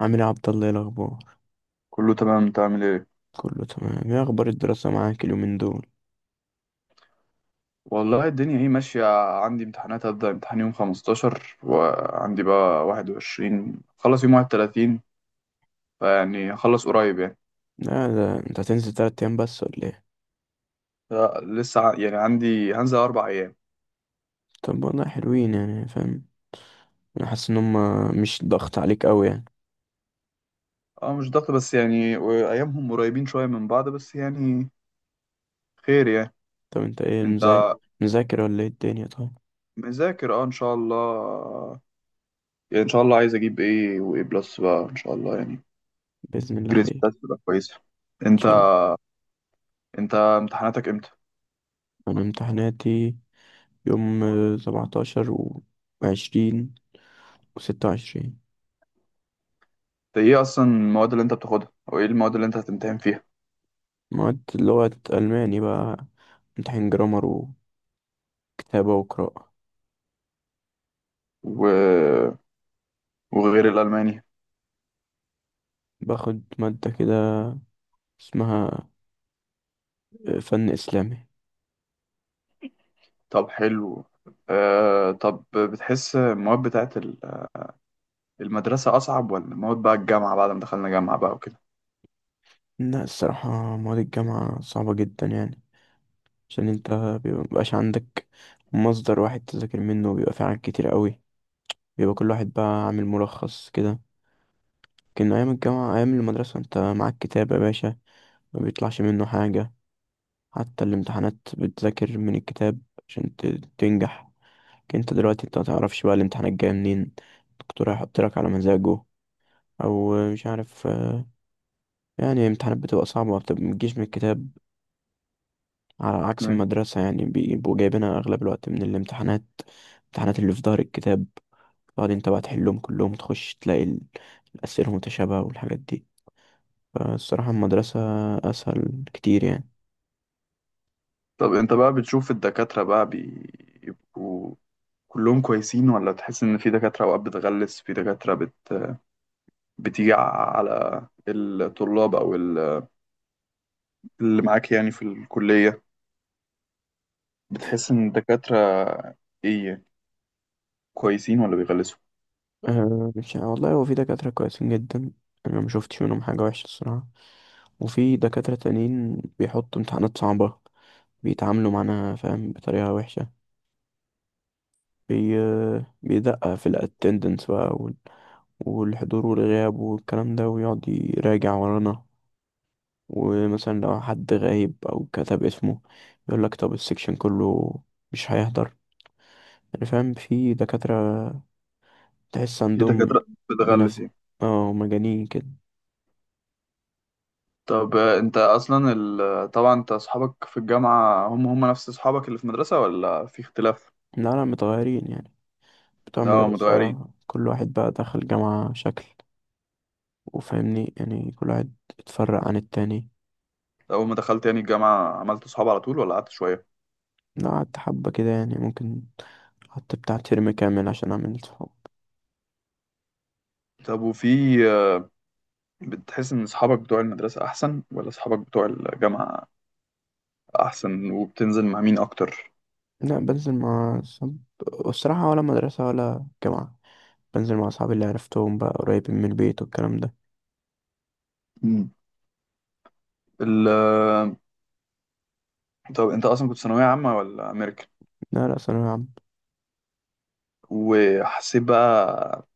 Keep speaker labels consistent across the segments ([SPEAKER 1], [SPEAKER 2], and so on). [SPEAKER 1] عامل ايه يا عبد الله؟ ايه الاخبار؟
[SPEAKER 2] كله تمام، انت عامل ايه؟
[SPEAKER 1] كله تمام. ايه اخبار الدراسه معاك اليومين دول؟
[SPEAKER 2] والله الدنيا اهي ماشية. عندي امتحانات، هبدأ امتحان يوم 15 وعندي بقى 21، خلص يوم 31. فيعني هخلص قريب يعني.
[SPEAKER 1] لا، ده انت هتنزل تلات ايام بس ولا ايه؟
[SPEAKER 2] لا، يعني عندي هنزل أربع أيام.
[SPEAKER 1] طب والله حلوين يعني فاهم. انا حاسس ان هما مش ضغط عليك قوي يعني.
[SPEAKER 2] اه مش ضغط بس يعني، وأيامهم قريبين شوية من بعض، بس يعني خير يعني.
[SPEAKER 1] طب انت ايه
[SPEAKER 2] انت
[SPEAKER 1] مذاكر؟ مذاكر ولا ايه الدنيا؟ طيب،
[SPEAKER 2] مذاكر اه ان شاء الله. يعني ان شاء الله عايز اجيب ايه وايه بلس بقى ان شاء الله يعني.
[SPEAKER 1] باذن الله
[SPEAKER 2] جريدز
[SPEAKER 1] خير ان
[SPEAKER 2] بتاعتي تبقى كويسة. انت،
[SPEAKER 1] شاء الله.
[SPEAKER 2] انت امتحاناتك امتى؟
[SPEAKER 1] انا امتحاناتي يوم 17 و20 و26.
[SPEAKER 2] ده ايه اصلا المواد اللي انت بتاخدها، او ايه المواد اللي انت هتمتحن فيها؟
[SPEAKER 1] مواد لغه الماني بقى، امتحان جرامر وكتابه وقراءه.
[SPEAKER 2] و... وغير الالماني؟
[SPEAKER 1] باخد ماده كده اسمها فن اسلامي.
[SPEAKER 2] طب حلو. طب بتحس المواد بتاعت المدرسة اصعب ولا مواد بقى الجامعة بعد ما دخلنا جامعة بقى وكده؟
[SPEAKER 1] لا، الصراحة مواد الجامعة صعبة جدا يعني. عشان انت مبيبقاش عندك مصدر واحد تذاكر منه، وبيبقى في حاجات كتير قوي. بيبقى كل واحد بقى عامل ملخص كده. لكن أيام الجامعة، أيام المدرسة انت معاك كتاب يا باشا، ما بيطلعش منه حاجة. حتى الامتحانات بتذاكر من الكتاب عشان تنجح. لكن انت دلوقتي انت متعرفش بقى الامتحان الجاي منين. الدكتور هيحط لك على مزاجه، أو مش عارف. يعني الامتحانات بتبقى صعبة، ما بتجيش من الكتاب، على عكس
[SPEAKER 2] أيوة.
[SPEAKER 1] المدرسة. يعني بيبقوا جايبينها أغلب الوقت من الامتحانات، الامتحانات اللي في ظهر الكتاب. بعدين تبقى تحلهم كلهم، تخش تلاقي الأسئلة متشابهة والحاجات دي. فالصراحة المدرسة أسهل كتير يعني.
[SPEAKER 2] طب انت بقى بتشوف الدكاترة بقى بيبقوا كلهم كويسين ولا تحس ان في دكاترة اوقات بتغلس، بتيجي على الطلاب او اللي معاك يعني في الكلية؟ بتحس ان الدكاترة ايه، كويسين ولا بيغلسوا؟
[SPEAKER 1] أه، مش والله، هو في دكاترة كويسين جدا، أنا ما شفتش منهم حاجة وحشة الصراحة. وفي دكاترة تانيين بيحطوا امتحانات صعبة، بيتعاملوا معانا فاهم بطريقة وحشة. بي... بيدقق في الاتندنس بقى، والحضور والغياب والكلام ده، ويقعد يراجع ورانا. ومثلا لو حد غايب أو كتب اسمه، يقولك طب السكشن كله مش هيحضر. يعني فاهم في دكاترة تحس
[SPEAKER 2] في
[SPEAKER 1] عندهم،
[SPEAKER 2] دكاترة بتغلس
[SPEAKER 1] منف
[SPEAKER 2] يعني.
[SPEAKER 1] اه مجانين كده.
[SPEAKER 2] طب انت اصلا طبعا انت اصحابك في الجامعة هم نفس اصحابك اللي في المدرسة ولا في اختلاف؟
[SPEAKER 1] لا لا، متغيرين يعني، بتوع
[SPEAKER 2] لا
[SPEAKER 1] المدرسة.
[SPEAKER 2] متغيرين.
[SPEAKER 1] كل واحد بقى دخل جامعة شكل، وفاهمني يعني كل واحد اتفرق عن التاني.
[SPEAKER 2] طب اول ما دخلت يعني الجامعة عملت اصحاب على طول ولا قعدت شوية؟
[SPEAKER 1] لا، قعدت حبة كده يعني، ممكن قعدت بتاع ترم كامل عشان أعمل صحاب.
[SPEAKER 2] طب وفي آه، بتحس ان اصحابك بتوع المدرسة احسن ولا اصحابك بتوع الجامعة احسن، وبتنزل مع مين اكتر؟
[SPEAKER 1] لا، بنزل مع صحاب، والصراحة ولا مدرسة ولا جامعة. بنزل مع أصحابي اللي عرفتهم بقى قريبين من البيت والكلام ده.
[SPEAKER 2] مم. ال... آه، طب انت اصلا كنت ثانوية عامة ولا امريكان؟
[SPEAKER 1] لا لا، ثانوية عامة.
[SPEAKER 2] وحسيت بقى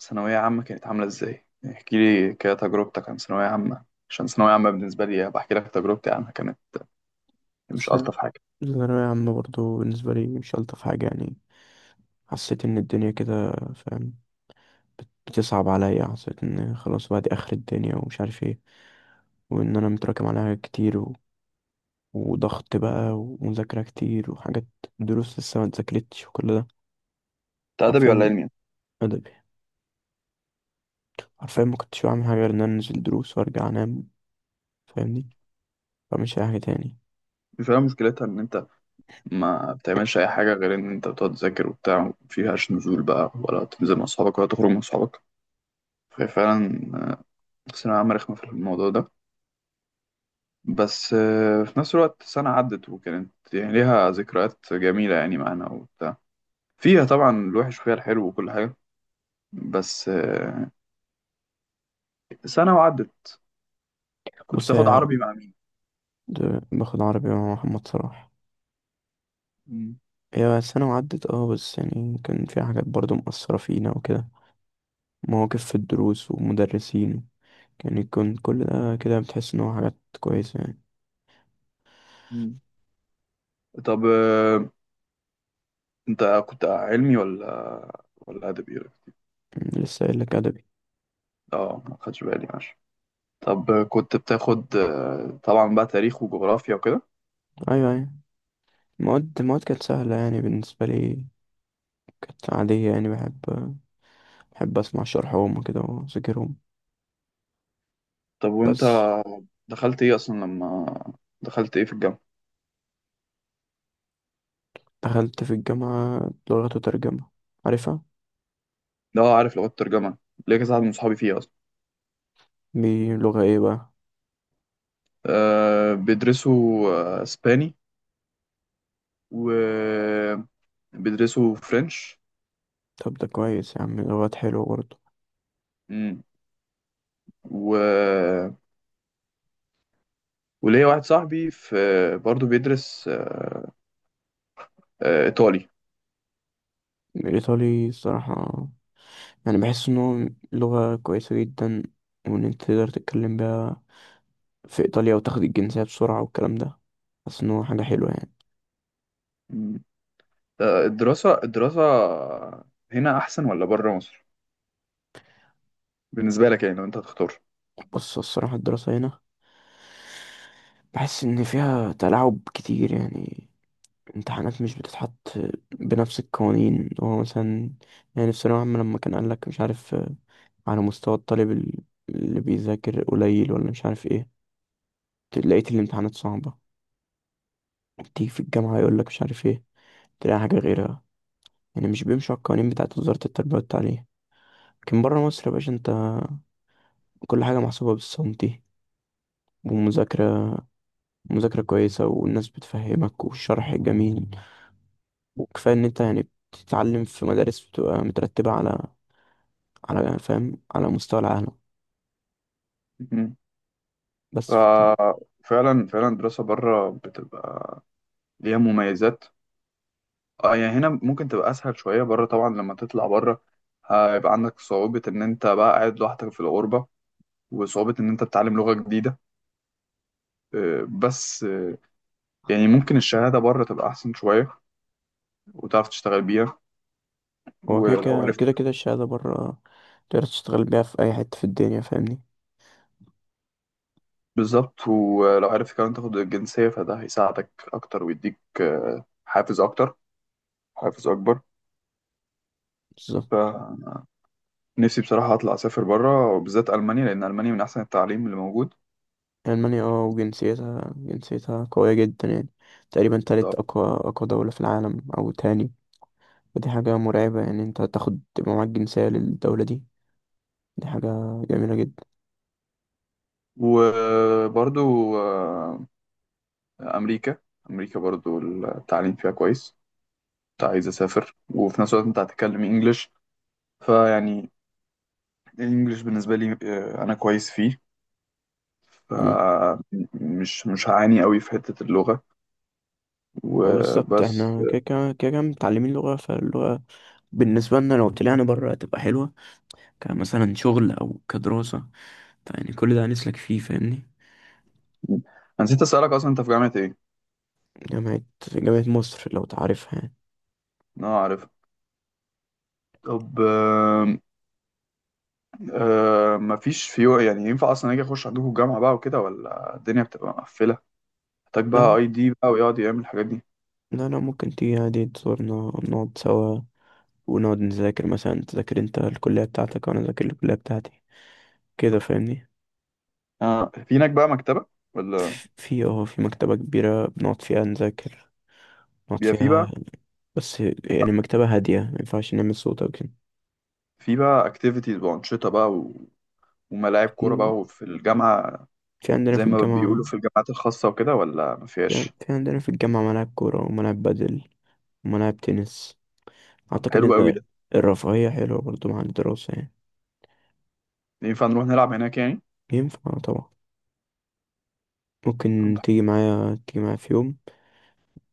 [SPEAKER 2] ثانوية عامة كانت عاملة ازاي؟ احكي لي كده تجربتك عن ثانوية عامة، عشان ثانوية عامة بالنسبة لي بحكي لك تجربتي عنها كمان. مش
[SPEAKER 1] بس
[SPEAKER 2] ألطف حاجة.
[SPEAKER 1] ثانوية عامة برضه بالنسبة لي مش ألطف حاجة يعني. حسيت إن الدنيا كده فاهم بتصعب عليا. حسيت إن خلاص بقى، دي آخر الدنيا ومش عارف إيه، وإن أنا متراكم على حاجات كتير، وضغط بقى ومذاكرة كتير وحاجات، دروس لسه ما اتذاكرتش وكل ده.
[SPEAKER 2] انت أدبي ولا
[SPEAKER 1] حرفيا
[SPEAKER 2] علمي؟
[SPEAKER 1] أدبي. حرفيا ما كنتش بعمل حاجة غير إن أنا أنزل دروس وأرجع أنام، فاهمني، مش أي حاجة تاني.
[SPEAKER 2] مش هي مشكلتها إن أنت ما بتعملش أي حاجة غير إن أنت بتقعد تذاكر وبتاع، مفيهاش نزول بقى ولا تنزل مع أصحابك ولا تخرج مع أصحابك؟ ففعلا ثانوية عامة رخمة في الموضوع ده. بس في نفس الوقت سنة عدت وكانت يعني ليها ذكريات جميلة يعني معانا وبتاع. فيها طبعا الوحش وفيها الحلو وكل حاجة. بس سنة وعدت. كنت
[SPEAKER 1] بص
[SPEAKER 2] بتاخد
[SPEAKER 1] يا
[SPEAKER 2] عربي مع مين؟
[SPEAKER 1] باخد عربي مع محمد صلاح.
[SPEAKER 2] مم.
[SPEAKER 1] هي سنة وعدت بس يعني كان في حاجات برضو مؤثرة فينا وكده، مواقف في الدروس ومدرسين. يعني يكون كل ده كده بتحس إن هو حاجات كويسة يعني.
[SPEAKER 2] مم. طب انت كنت علمي ولا ادبي؟
[SPEAKER 1] لسه قايل لك أدبي.
[SPEAKER 2] اه ما خدش بالي، ماشي. طب كنت بتاخد طبعا بقى تاريخ وجغرافيا وكده.
[SPEAKER 1] أيوة أيوة، المواد المواد كانت سهلة يعني بالنسبة لي، كانت عادية يعني. بحب، بحب أسمع شرحهم كده وأذاكرهم.
[SPEAKER 2] طب وانت
[SPEAKER 1] بس
[SPEAKER 2] دخلت ايه اصلا لما دخلت ايه في الجامعه؟
[SPEAKER 1] دخلت في الجامعة لغة وترجمة، عارفها؟
[SPEAKER 2] ده اه عارف لغات الترجمه، ليا كذا حد من صحابي فيها اصلا.
[SPEAKER 1] دي لغة ايه بقى؟
[SPEAKER 2] أه بيدرسوا اسباني، وبيدرسوا فرنش.
[SPEAKER 1] طب ده كويس يا عم، لغات حلوة برضه.
[SPEAKER 2] امم. و... وليا واحد صاحبي في، برضه بيدرس ايطالي.
[SPEAKER 1] الإيطالي الصراحة يعني بحس إن هو لغة كويسة جدا، وإن أنت تقدر تتكلم بيها في إيطاليا وتاخد الجنسية بسرعة والكلام ده. بحس إن هو حاجة حلوة يعني.
[SPEAKER 2] مم. الدراسة هنا أحسن ولا بره مصر؟ بالنسبة لك يعني لو أنت هتختار.
[SPEAKER 1] بس الصراحة الدراسة هنا بحس إن فيها تلاعب كتير يعني. امتحانات مش بتتحط بنفس القوانين. هو مثلا يعني في ثانوية عامة لما كان قالك مش عارف، على مستوى الطالب اللي بيذاكر قليل ولا مش عارف ايه، لقيت الامتحانات صعبة. تيجي في الجامعة يقولك مش عارف ايه، تلاقي حاجة غيرها. يعني مش بيمشوا على القوانين بتاعت وزارة التربية والتعليم. لكن بره مصر يا باشا انت كل حاجة محسوبة بالسنتي، ومذاكرة، مذاكرة كويسة، والناس بتفهمك والشرح جميل. وكفاية ان انت يعني بتتعلم في مدارس بتبقى مترتبة على فاهم على مستوى العالم.
[SPEAKER 2] مم.
[SPEAKER 1] بس فت-
[SPEAKER 2] ففعلا فعلا الدراسة بره بتبقى ليها مميزات. اه يعني هنا ممكن تبقى أسهل شوية، بره طبعا لما تطلع بره هيبقى عندك صعوبة إن أنت بقى قاعد لوحدك في الغربة، وصعوبة إن أنت بتتعلم لغة جديدة. بس يعني ممكن الشهادة بره تبقى أحسن شوية وتعرف تشتغل بيها
[SPEAKER 1] هو كده
[SPEAKER 2] ولو
[SPEAKER 1] كده
[SPEAKER 2] عرفت.
[SPEAKER 1] كده كده الشهادة بره تقدر تشتغل بيها في أي حتة في الدنيا فاهمني.
[SPEAKER 2] بالظبط، ولو عرفت كمان تاخد الجنسية فده هيساعدك أكتر ويديك حافز أكبر.
[SPEAKER 1] بالظبط.
[SPEAKER 2] فنفسي بصراحة أطلع أسافر برا، وبالذات ألمانيا لأن ألمانيا من أحسن التعليم اللي موجود.
[SPEAKER 1] ألمانيا وجنسيتها، جنسيتها قوية جدا يعني. تقريبا تالت أقوى، أقوى دولة في العالم أو تاني. دي حاجة مرعبة يعني، انت هتاخد تبقى معاك جنسية للدولة دي، دي حاجة جميلة جدا.
[SPEAKER 2] وبرضو أمريكا، برضو التعليم فيها كويس. كنت عايز أسافر، وفي نفس الوقت أنت هتتكلم إنجليش فيعني الإنجليش بالنسبة لي، أنا كويس فيه،
[SPEAKER 1] مم.
[SPEAKER 2] فمش مش هعاني قوي في حتة اللغة
[SPEAKER 1] وبالظبط
[SPEAKER 2] وبس.
[SPEAKER 1] احنا كده كده كده كده متعلمين لغة، فاللغة بالنسبة لنا لو طلعنا بره هتبقى حلوة، كمثلا شغل أو كدراسة. فيعني كل ده هنسلك فيه فاهمني.
[SPEAKER 2] أنا نسيت أسألك أصلا أنت في جامعة إيه؟
[SPEAKER 1] جامعة، جامعة مصر لو تعرفها يعني.
[SPEAKER 2] أه عارف. طب مفيش في يعني، ينفع أصلا أجي أخش عندكم الجامعة بقى وكده ولا الدنيا بتبقى مقفلة؟ محتاج بقى
[SPEAKER 1] لا
[SPEAKER 2] أي دي بقى ويقعد يعمل الحاجات دي؟
[SPEAKER 1] لا لا، ممكن تيجي عادي تزورنا، نقعد سوا، ونقعد نذاكر مثلا، تذاكر انت الكلية بتاعتك وأنا أذاكر الكلية بتاعتي، كده فاهمني.
[SPEAKER 2] أه في هناك بقى مكتبة ولا؟
[SPEAKER 1] اه، في مكتبة كبيرة بنقعد فيها نذاكر، نقعد
[SPEAKER 2] بيبقى في
[SPEAKER 1] فيها.
[SPEAKER 2] بقى،
[SPEAKER 1] بس يعني مكتبة هادية، ما ينفعش نعمل صوت أو كده.
[SPEAKER 2] أكتيفيتيز وأنشطة بقى وملاعب كورة
[SPEAKER 1] في،
[SPEAKER 2] بقى وفي الجامعة،
[SPEAKER 1] عندنا
[SPEAKER 2] زي
[SPEAKER 1] في
[SPEAKER 2] ما بيقولوا
[SPEAKER 1] الجامعة.
[SPEAKER 2] في الجامعات الخاصة وكده، ولا
[SPEAKER 1] في,
[SPEAKER 2] مفيهاش؟
[SPEAKER 1] في عندنا في الجامعة ملاعب كورة وملاعب بدل وملاعب تنس.
[SPEAKER 2] طب
[SPEAKER 1] أعتقد
[SPEAKER 2] حلو أوي
[SPEAKER 1] إن
[SPEAKER 2] ده.
[SPEAKER 1] الرفاهية حلوة برضو مع الدراسة يعني.
[SPEAKER 2] ينفع نروح نلعب هناك يعني؟
[SPEAKER 1] ينفع طبعا،
[SPEAKER 2] طب
[SPEAKER 1] ممكن تيجي معايا، تيجي معايا في يوم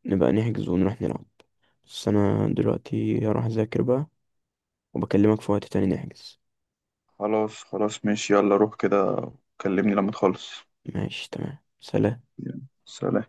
[SPEAKER 1] نبقى نحجز ونروح نلعب. بس أنا دلوقتي هروح أذاكر بقى، وبكلمك في وقت تاني نحجز.
[SPEAKER 2] خلاص خلاص، ماشي، يلا روح كده. كلمني لما تخلص.
[SPEAKER 1] ماشي تمام، سلام.
[SPEAKER 2] يلا، سلام.